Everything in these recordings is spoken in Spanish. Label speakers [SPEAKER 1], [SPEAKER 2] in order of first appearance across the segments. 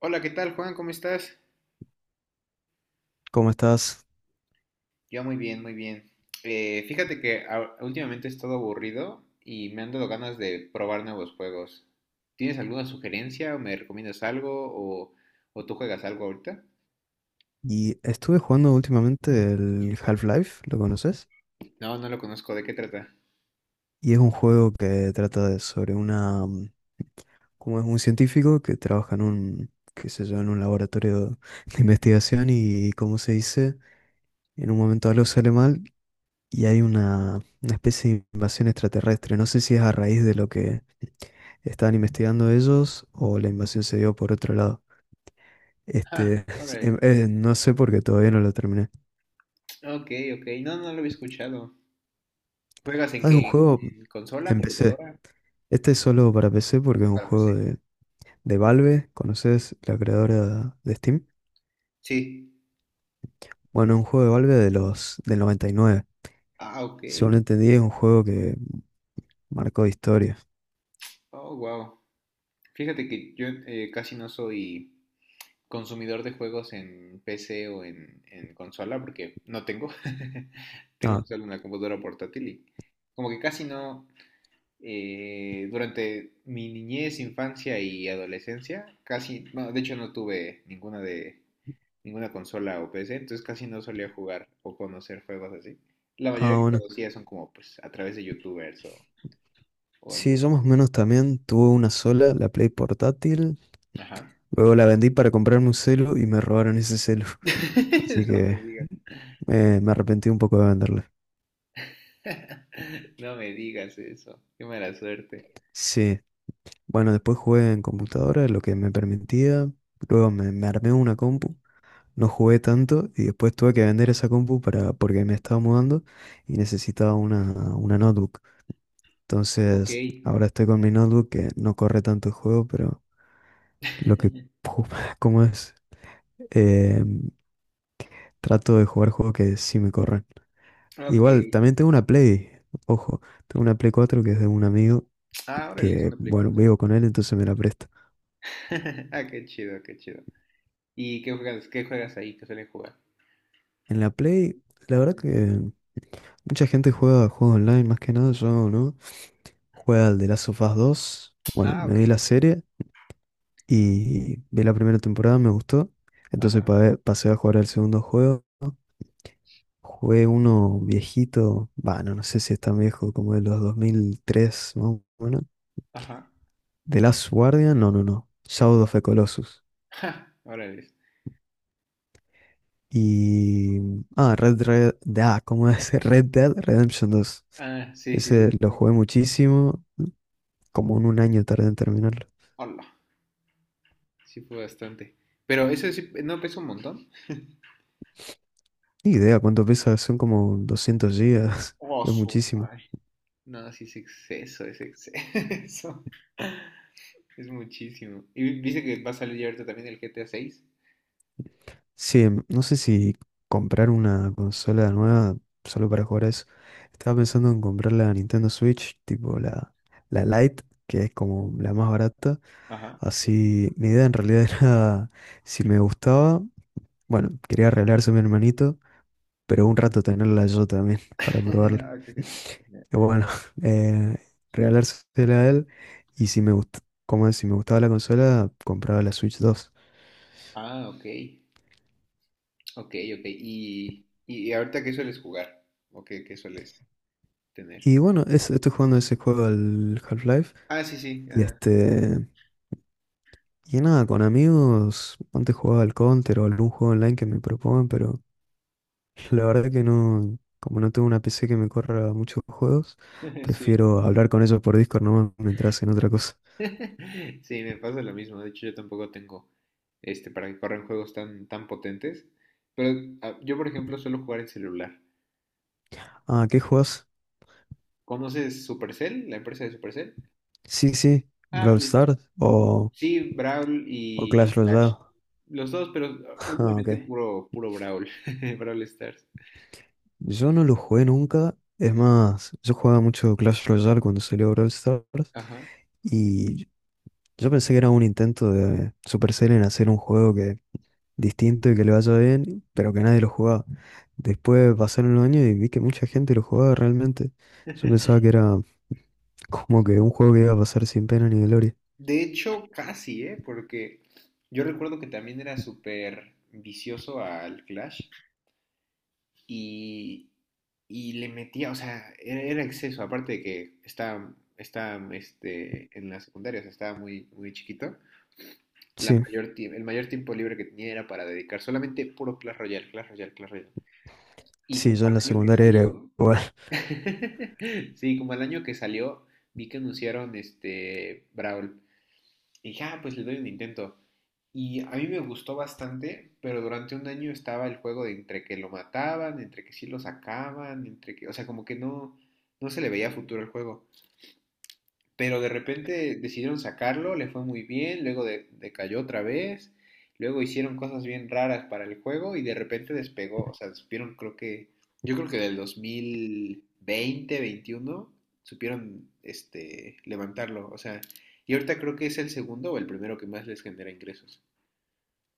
[SPEAKER 1] Hola, ¿qué tal, Juan? ¿Cómo estás?
[SPEAKER 2] ¿Cómo estás?
[SPEAKER 1] Yo muy bien, muy bien. Fíjate que últimamente he estado aburrido y me han dado ganas de probar nuevos juegos. ¿Tienes alguna sugerencia o me recomiendas algo o, o tú juegas algo ahorita?
[SPEAKER 2] Y estuve jugando últimamente el Half-Life, ¿lo conoces?
[SPEAKER 1] No, no lo conozco. ¿De qué trata?
[SPEAKER 2] Y es un juego que trata sobre una como es un científico que trabaja en un, qué sé yo, en un laboratorio de investigación y, como se dice, en un momento algo sale mal y hay una especie de invasión extraterrestre. No sé si es a raíz de lo que estaban investigando ellos o la invasión se dio por otro lado.
[SPEAKER 1] Ah,
[SPEAKER 2] Este,
[SPEAKER 1] alright.
[SPEAKER 2] no sé porque todavía no lo terminé.
[SPEAKER 1] Ok, ok. No, no lo había escuchado. ¿Juegas en
[SPEAKER 2] Ah, es un
[SPEAKER 1] qué?
[SPEAKER 2] juego,
[SPEAKER 1] ¿En consola,
[SPEAKER 2] empecé.
[SPEAKER 1] computadora?
[SPEAKER 2] Este es solo para PC porque es un
[SPEAKER 1] Para
[SPEAKER 2] juego
[SPEAKER 1] PC.
[SPEAKER 2] de Valve. ¿Conoces la creadora de Steam?
[SPEAKER 1] Sí.
[SPEAKER 2] Bueno, es un juego de Valve de los del 99.
[SPEAKER 1] Ah, ok.
[SPEAKER 2] Según entendí, es un juego que marcó historia.
[SPEAKER 1] Oh, wow. Fíjate que yo, casi no soy consumidor de juegos en PC o en consola, porque no tengo. Tengo
[SPEAKER 2] Ah,
[SPEAKER 1] solo una computadora portátil y como que casi no, durante mi niñez, infancia y adolescencia, casi, bueno, de hecho no tuve ninguna consola o PC, entonces casi no solía jugar o conocer juegos así. La mayoría
[SPEAKER 2] ah,
[SPEAKER 1] que
[SPEAKER 2] bueno.
[SPEAKER 1] conocía son como pues a través de YouTubers o en
[SPEAKER 2] Sí,
[SPEAKER 1] vivo.
[SPEAKER 2] yo más o menos también tuve una sola, la Play portátil.
[SPEAKER 1] Ajá.
[SPEAKER 2] Luego la vendí para comprarme un celu y me robaron ese celu. Así
[SPEAKER 1] No me
[SPEAKER 2] que
[SPEAKER 1] digas.
[SPEAKER 2] me arrepentí un poco de venderla.
[SPEAKER 1] No me digas eso. Qué mala suerte.
[SPEAKER 2] Sí, bueno, después jugué en computadora, lo que me permitía. Luego me armé una compu no jugué tanto y después tuve que vender esa compu para, porque me estaba mudando y necesitaba una notebook.
[SPEAKER 1] Ok.
[SPEAKER 2] Entonces, ahora estoy con mi notebook que no corre tanto el juego, pero lo que, ju- ¿cómo es? Eh, Trato de jugar juegos que sí me corren.
[SPEAKER 1] Ok.
[SPEAKER 2] Igual, también tengo una Play, ojo, tengo una Play 4 que es de un amigo
[SPEAKER 1] Ah, órale, es
[SPEAKER 2] que,
[SPEAKER 1] una Play
[SPEAKER 2] bueno,
[SPEAKER 1] 4.
[SPEAKER 2] vivo con él, entonces me la presta.
[SPEAKER 1] Ah, qué chido, qué chido. ¿Y qué juegas ahí? ¿Qué suelen jugar?
[SPEAKER 2] En la Play, la
[SPEAKER 1] Ajá.
[SPEAKER 2] verdad que mucha gente juega juegos online, más que nada yo, ¿no? Juega al The Last of Us 2. Bueno,
[SPEAKER 1] Ah,
[SPEAKER 2] me
[SPEAKER 1] ok.
[SPEAKER 2] vi la serie y vi la primera temporada, me gustó. Entonces
[SPEAKER 1] Ajá,
[SPEAKER 2] pasé a jugar al segundo juego. Jugué uno viejito, bueno, no sé si es tan viejo como de los 2003, más o menos.
[SPEAKER 1] ajá.
[SPEAKER 2] The Last Guardian, no. Shadow of the Colossus.
[SPEAKER 1] Ja, órale.
[SPEAKER 2] Y... Ah, Ah, ¿cómo es? Red Dead Redemption 2.
[SPEAKER 1] Ah, sí, sí, sí,
[SPEAKER 2] Ese
[SPEAKER 1] sí.
[SPEAKER 2] lo
[SPEAKER 1] Sí.
[SPEAKER 2] jugué muchísimo, como en un año tardé en terminarlo.
[SPEAKER 1] Hola. Sí fue bastante. Pero eso sí, ¿no pesa un montón?
[SPEAKER 2] Ni idea cuánto pesa, son como 200 gigas,
[SPEAKER 1] Oh,
[SPEAKER 2] es
[SPEAKER 1] su
[SPEAKER 2] muchísimo.
[SPEAKER 1] madre. No, sí es exceso, es exceso. Es muchísimo. Y dice que va a salir ya ahorita también el GTA 6.
[SPEAKER 2] Sí, no sé si comprar una consola nueva solo para jugar a eso. Estaba pensando en comprar la Nintendo Switch, tipo la Lite, que es como la más barata.
[SPEAKER 1] Ajá.
[SPEAKER 2] Así, mi idea en realidad era, si me gustaba, bueno, quería regalarse a mi hermanito, pero un rato tenerla yo también para probarla.
[SPEAKER 1] Ah, qué genial, qué genial.
[SPEAKER 2] Y bueno, eh, regalársela a él y si me gustaba, como si me gustaba la consola, compraba la Switch 2.
[SPEAKER 1] Ah, ok. Ok, ok. Y ahorita qué sueles jugar? ¿O qué, qué sueles tener?
[SPEAKER 2] Y bueno, estoy jugando ese juego al Half-Life.
[SPEAKER 1] Ah, sí, sí,
[SPEAKER 2] Y
[SPEAKER 1] ajá.
[SPEAKER 2] este. Y nada, con amigos. Antes jugaba al Counter o algún juego online que me propongan, pero la verdad que no. Como no tengo una PC que me corra muchos juegos,
[SPEAKER 1] Sí.
[SPEAKER 2] prefiero hablar con ellos por Discord nomás mientras hacen otra cosa.
[SPEAKER 1] Sí, me pasa lo mismo. De hecho, yo tampoco tengo este para que corran juegos tan, tan potentes. Pero ah, yo, por ejemplo, suelo jugar en celular.
[SPEAKER 2] Ah, ¿qué juegas?
[SPEAKER 1] ¿Conoces Supercell, la empresa de Supercell?
[SPEAKER 2] Sí, sí,
[SPEAKER 1] Ah,
[SPEAKER 2] Brawl
[SPEAKER 1] pues
[SPEAKER 2] Stars
[SPEAKER 1] sí, Brawl
[SPEAKER 2] o Clash
[SPEAKER 1] y Clash.
[SPEAKER 2] Royale.
[SPEAKER 1] Los dos, pero ah,
[SPEAKER 2] Ah, ok.
[SPEAKER 1] últimamente puro, puro Brawl. Brawl Stars.
[SPEAKER 2] Yo no lo jugué nunca. Es más, yo jugaba mucho Clash Royale cuando salió Brawl Stars.
[SPEAKER 1] Ajá.
[SPEAKER 2] Y yo pensé que era un intento de Supercell en hacer un juego que distinto y que le vaya bien, pero que nadie lo jugaba. Después pasaron los años y vi que mucha gente lo jugaba realmente. Yo pensaba que era como que un juego que iba a pasar sin pena ni gloria.
[SPEAKER 1] De hecho, casi, ¿eh? Porque yo recuerdo que también era súper vicioso al Clash y, y le metía, o sea, era exceso, aparte de que estaba en la secundaria, o sea, estaba muy, muy chiquito. La
[SPEAKER 2] Sí,
[SPEAKER 1] mayor, el mayor tiempo libre que tenía era para dedicar solamente puro Clash Royale, Clash Royale, Clash Royale. Y
[SPEAKER 2] sí,
[SPEAKER 1] como
[SPEAKER 2] yo en la
[SPEAKER 1] al año que
[SPEAKER 2] secundaria era
[SPEAKER 1] salió,
[SPEAKER 2] igual.
[SPEAKER 1] sí, como al año que salió, vi que anunciaron este Brawl. Y dije, ah, pues le doy un intento. Y a mí me gustó bastante, pero durante un año estaba el juego de entre que lo mataban, entre que sí lo sacaban, entre que, o sea, como que no, no se le veía futuro el juego, pero de repente decidieron sacarlo, le fue muy bien, luego decayó otra vez, luego hicieron cosas bien raras para el juego y de repente despegó. O sea, yo creo que del 2020, 21, supieron, levantarlo, o sea, y ahorita creo que es el segundo o el primero que más les genera ingresos.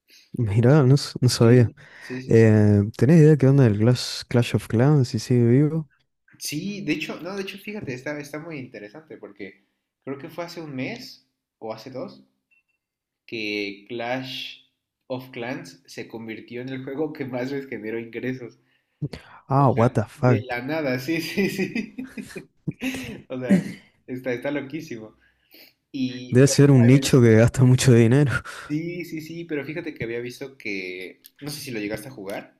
[SPEAKER 2] Mirá, no, no sabía.
[SPEAKER 1] Sí, sí, sí, sí.
[SPEAKER 2] ¿Tenés idea qué onda del Clash of Clans si sigue vivo?
[SPEAKER 1] Sí, de hecho, no, de hecho, fíjate, está muy interesante porque creo que fue hace un mes o hace dos que Clash of Clans se convirtió en el juego que más les generó ingresos. O
[SPEAKER 2] Ah, what
[SPEAKER 1] sea,
[SPEAKER 2] the
[SPEAKER 1] de
[SPEAKER 2] fuck.
[SPEAKER 1] la nada, sí, sí, sí. O sea, está loquísimo. Y
[SPEAKER 2] Debe ser
[SPEAKER 1] pero
[SPEAKER 2] un nicho que gasta mucho dinero.
[SPEAKER 1] sí, sí, sí, pero fíjate que había visto que, no sé si lo llegaste a jugar.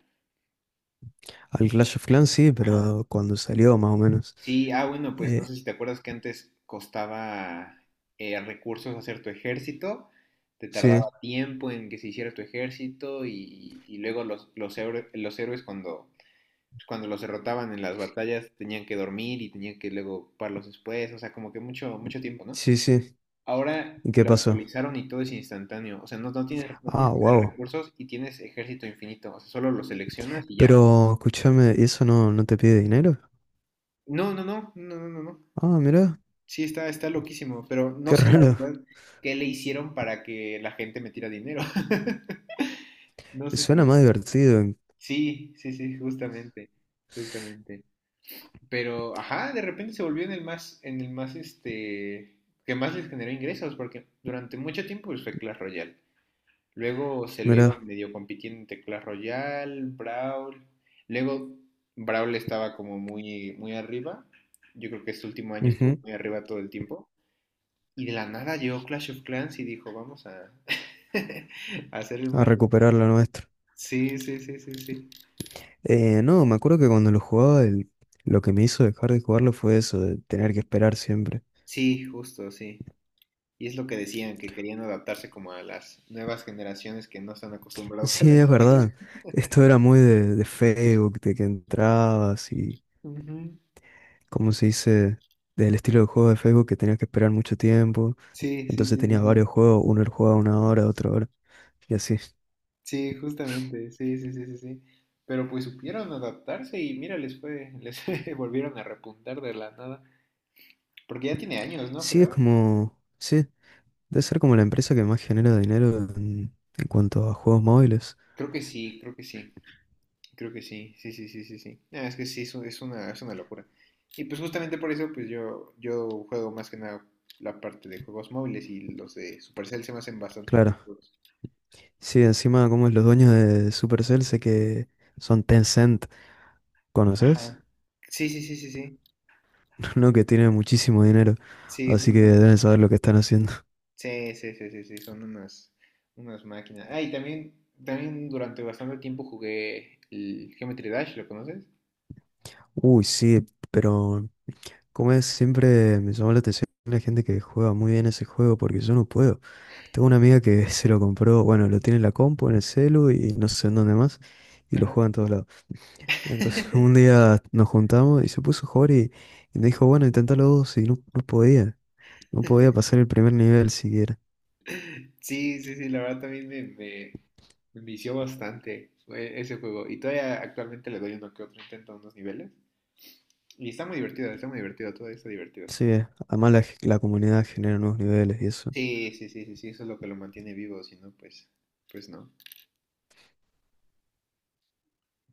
[SPEAKER 2] Al Clash of Clans sí,
[SPEAKER 1] Ajá.
[SPEAKER 2] pero cuando salió más o menos.
[SPEAKER 1] Sí, ah, bueno, pues no
[SPEAKER 2] Eh,
[SPEAKER 1] sé si te acuerdas que antes costaba, recursos hacer tu ejército, te tardaba
[SPEAKER 2] sí,
[SPEAKER 1] tiempo en que se hiciera tu ejército y luego los héroes cuando los derrotaban en las batallas tenían que dormir y tenían que luego ocuparlos después, o sea, como que mucho, mucho tiempo, ¿no?
[SPEAKER 2] sí, sí.
[SPEAKER 1] Ahora
[SPEAKER 2] ¿Y qué
[SPEAKER 1] lo
[SPEAKER 2] pasó?
[SPEAKER 1] actualizaron y todo es instantáneo, o sea, no, no tienes
[SPEAKER 2] Ah,
[SPEAKER 1] que tener
[SPEAKER 2] wow.
[SPEAKER 1] recursos y tienes ejército infinito, o sea, solo lo seleccionas y ya.
[SPEAKER 2] Pero escúchame, ¿y eso no te pide dinero?
[SPEAKER 1] No, no, no, no, no, no, no.
[SPEAKER 2] Ah, mira,
[SPEAKER 1] Sí, está loquísimo, pero no
[SPEAKER 2] qué
[SPEAKER 1] sé la
[SPEAKER 2] raro.
[SPEAKER 1] verdad qué le hicieron para que la gente metiera dinero. No sé si.
[SPEAKER 2] Suena más divertido.
[SPEAKER 1] Sí, sí, sí, justamente, justamente. Pero, ajá, de repente se volvió en el más, que más les generó ingresos, porque durante mucho tiempo pues, fue Clash Royale. Luego se lo iba
[SPEAKER 2] Mira,
[SPEAKER 1] medio compitiendo entre Clash Royale, Brawl. Luego Brawl estaba como muy, muy arriba. Yo creo que este último año estuvo
[SPEAKER 2] ujú,
[SPEAKER 1] muy arriba todo el tiempo. Y de la nada llegó Clash of Clans y dijo, vamos a, a hacer el
[SPEAKER 2] a
[SPEAKER 1] más
[SPEAKER 2] recuperar
[SPEAKER 1] rentable.
[SPEAKER 2] lo nuestro.
[SPEAKER 1] Sí, sí, sí, sí, sí.
[SPEAKER 2] No, me acuerdo que cuando lo jugaba, lo que me hizo dejar de jugarlo fue eso, de tener que esperar siempre.
[SPEAKER 1] Sí, justo, sí. Y es lo que decían, que querían adaptarse como a las nuevas generaciones que no están acostumbrados a
[SPEAKER 2] Sí,
[SPEAKER 1] la
[SPEAKER 2] es
[SPEAKER 1] espera.
[SPEAKER 2] verdad. Esto era muy de Facebook, de que entrabas y,
[SPEAKER 1] Ujú.
[SPEAKER 2] ¿cómo se dice? Del estilo de juego de Facebook que tenías que esperar mucho tiempo.
[SPEAKER 1] Sí, sí, sí,
[SPEAKER 2] Entonces
[SPEAKER 1] sí,
[SPEAKER 2] tenías
[SPEAKER 1] sí.
[SPEAKER 2] varios juegos, uno lo jugaba una hora, otro hora, y así.
[SPEAKER 1] Sí, justamente, sí, sí, sí, sí, sí. Pero pues supieron adaptarse y mira, les fue, les volvieron a repuntar de la nada. Porque ya tiene años, ¿no?
[SPEAKER 2] Sí, es
[SPEAKER 1] Creo.
[SPEAKER 2] como, sí, debe ser como la empresa que más genera dinero en cuanto a juegos móviles.
[SPEAKER 1] Creo que sí, creo que sí, creo que sí, sí, sí, sí, sí, sí. Ah, es que sí, es una locura. Y pues justamente por eso, pues yo juego más que nada la parte de juegos móviles y los de Supercell se me hacen bastante.
[SPEAKER 2] Claro. Sí, encima como es los dueños de Supercell, sé que son Tencent, ¿conoces?
[SPEAKER 1] Ajá. Sí, sí, sí, sí, sí.
[SPEAKER 2] No, que tienen muchísimo dinero,
[SPEAKER 1] Sí,
[SPEAKER 2] así que
[SPEAKER 1] justamente.
[SPEAKER 2] deben saber lo que están haciendo.
[SPEAKER 1] Sí, sí, sí, sí, sí, son unas máquinas. Ah, y también, durante bastante tiempo jugué el Geometry Dash, ¿lo conoces?
[SPEAKER 2] Uy, sí, pero como es, siempre me llamó la atención la gente que juega muy bien ese juego porque yo no puedo. Tengo una amiga que se lo compró, bueno, lo tiene en la compu, en el celu y no sé en dónde más, y lo
[SPEAKER 1] Ajá.
[SPEAKER 2] juega en todos lados. Entonces un día nos juntamos y se puso a jugar y me dijo, bueno, intentalo vos y no podía, no podía pasar el primer nivel siquiera.
[SPEAKER 1] Sí, sí, sí, la verdad también me vició bastante fue ese juego. Y todavía actualmente le doy uno que otro intento a unos niveles. Y está muy divertido, todavía está divertido.
[SPEAKER 2] Sí, además la comunidad genera nuevos niveles y eso.
[SPEAKER 1] Sí, sí, sí, sí, sí, eso es lo que lo mantiene vivo, si no, pues, pues no.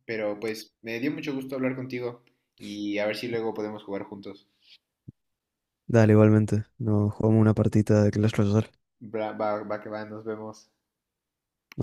[SPEAKER 1] Pero pues me dio mucho gusto hablar contigo y a ver si luego podemos jugar juntos.
[SPEAKER 2] Dale, igualmente, nos jugamos una partita de Clash Royale.
[SPEAKER 1] Va, va que va, nos vemos.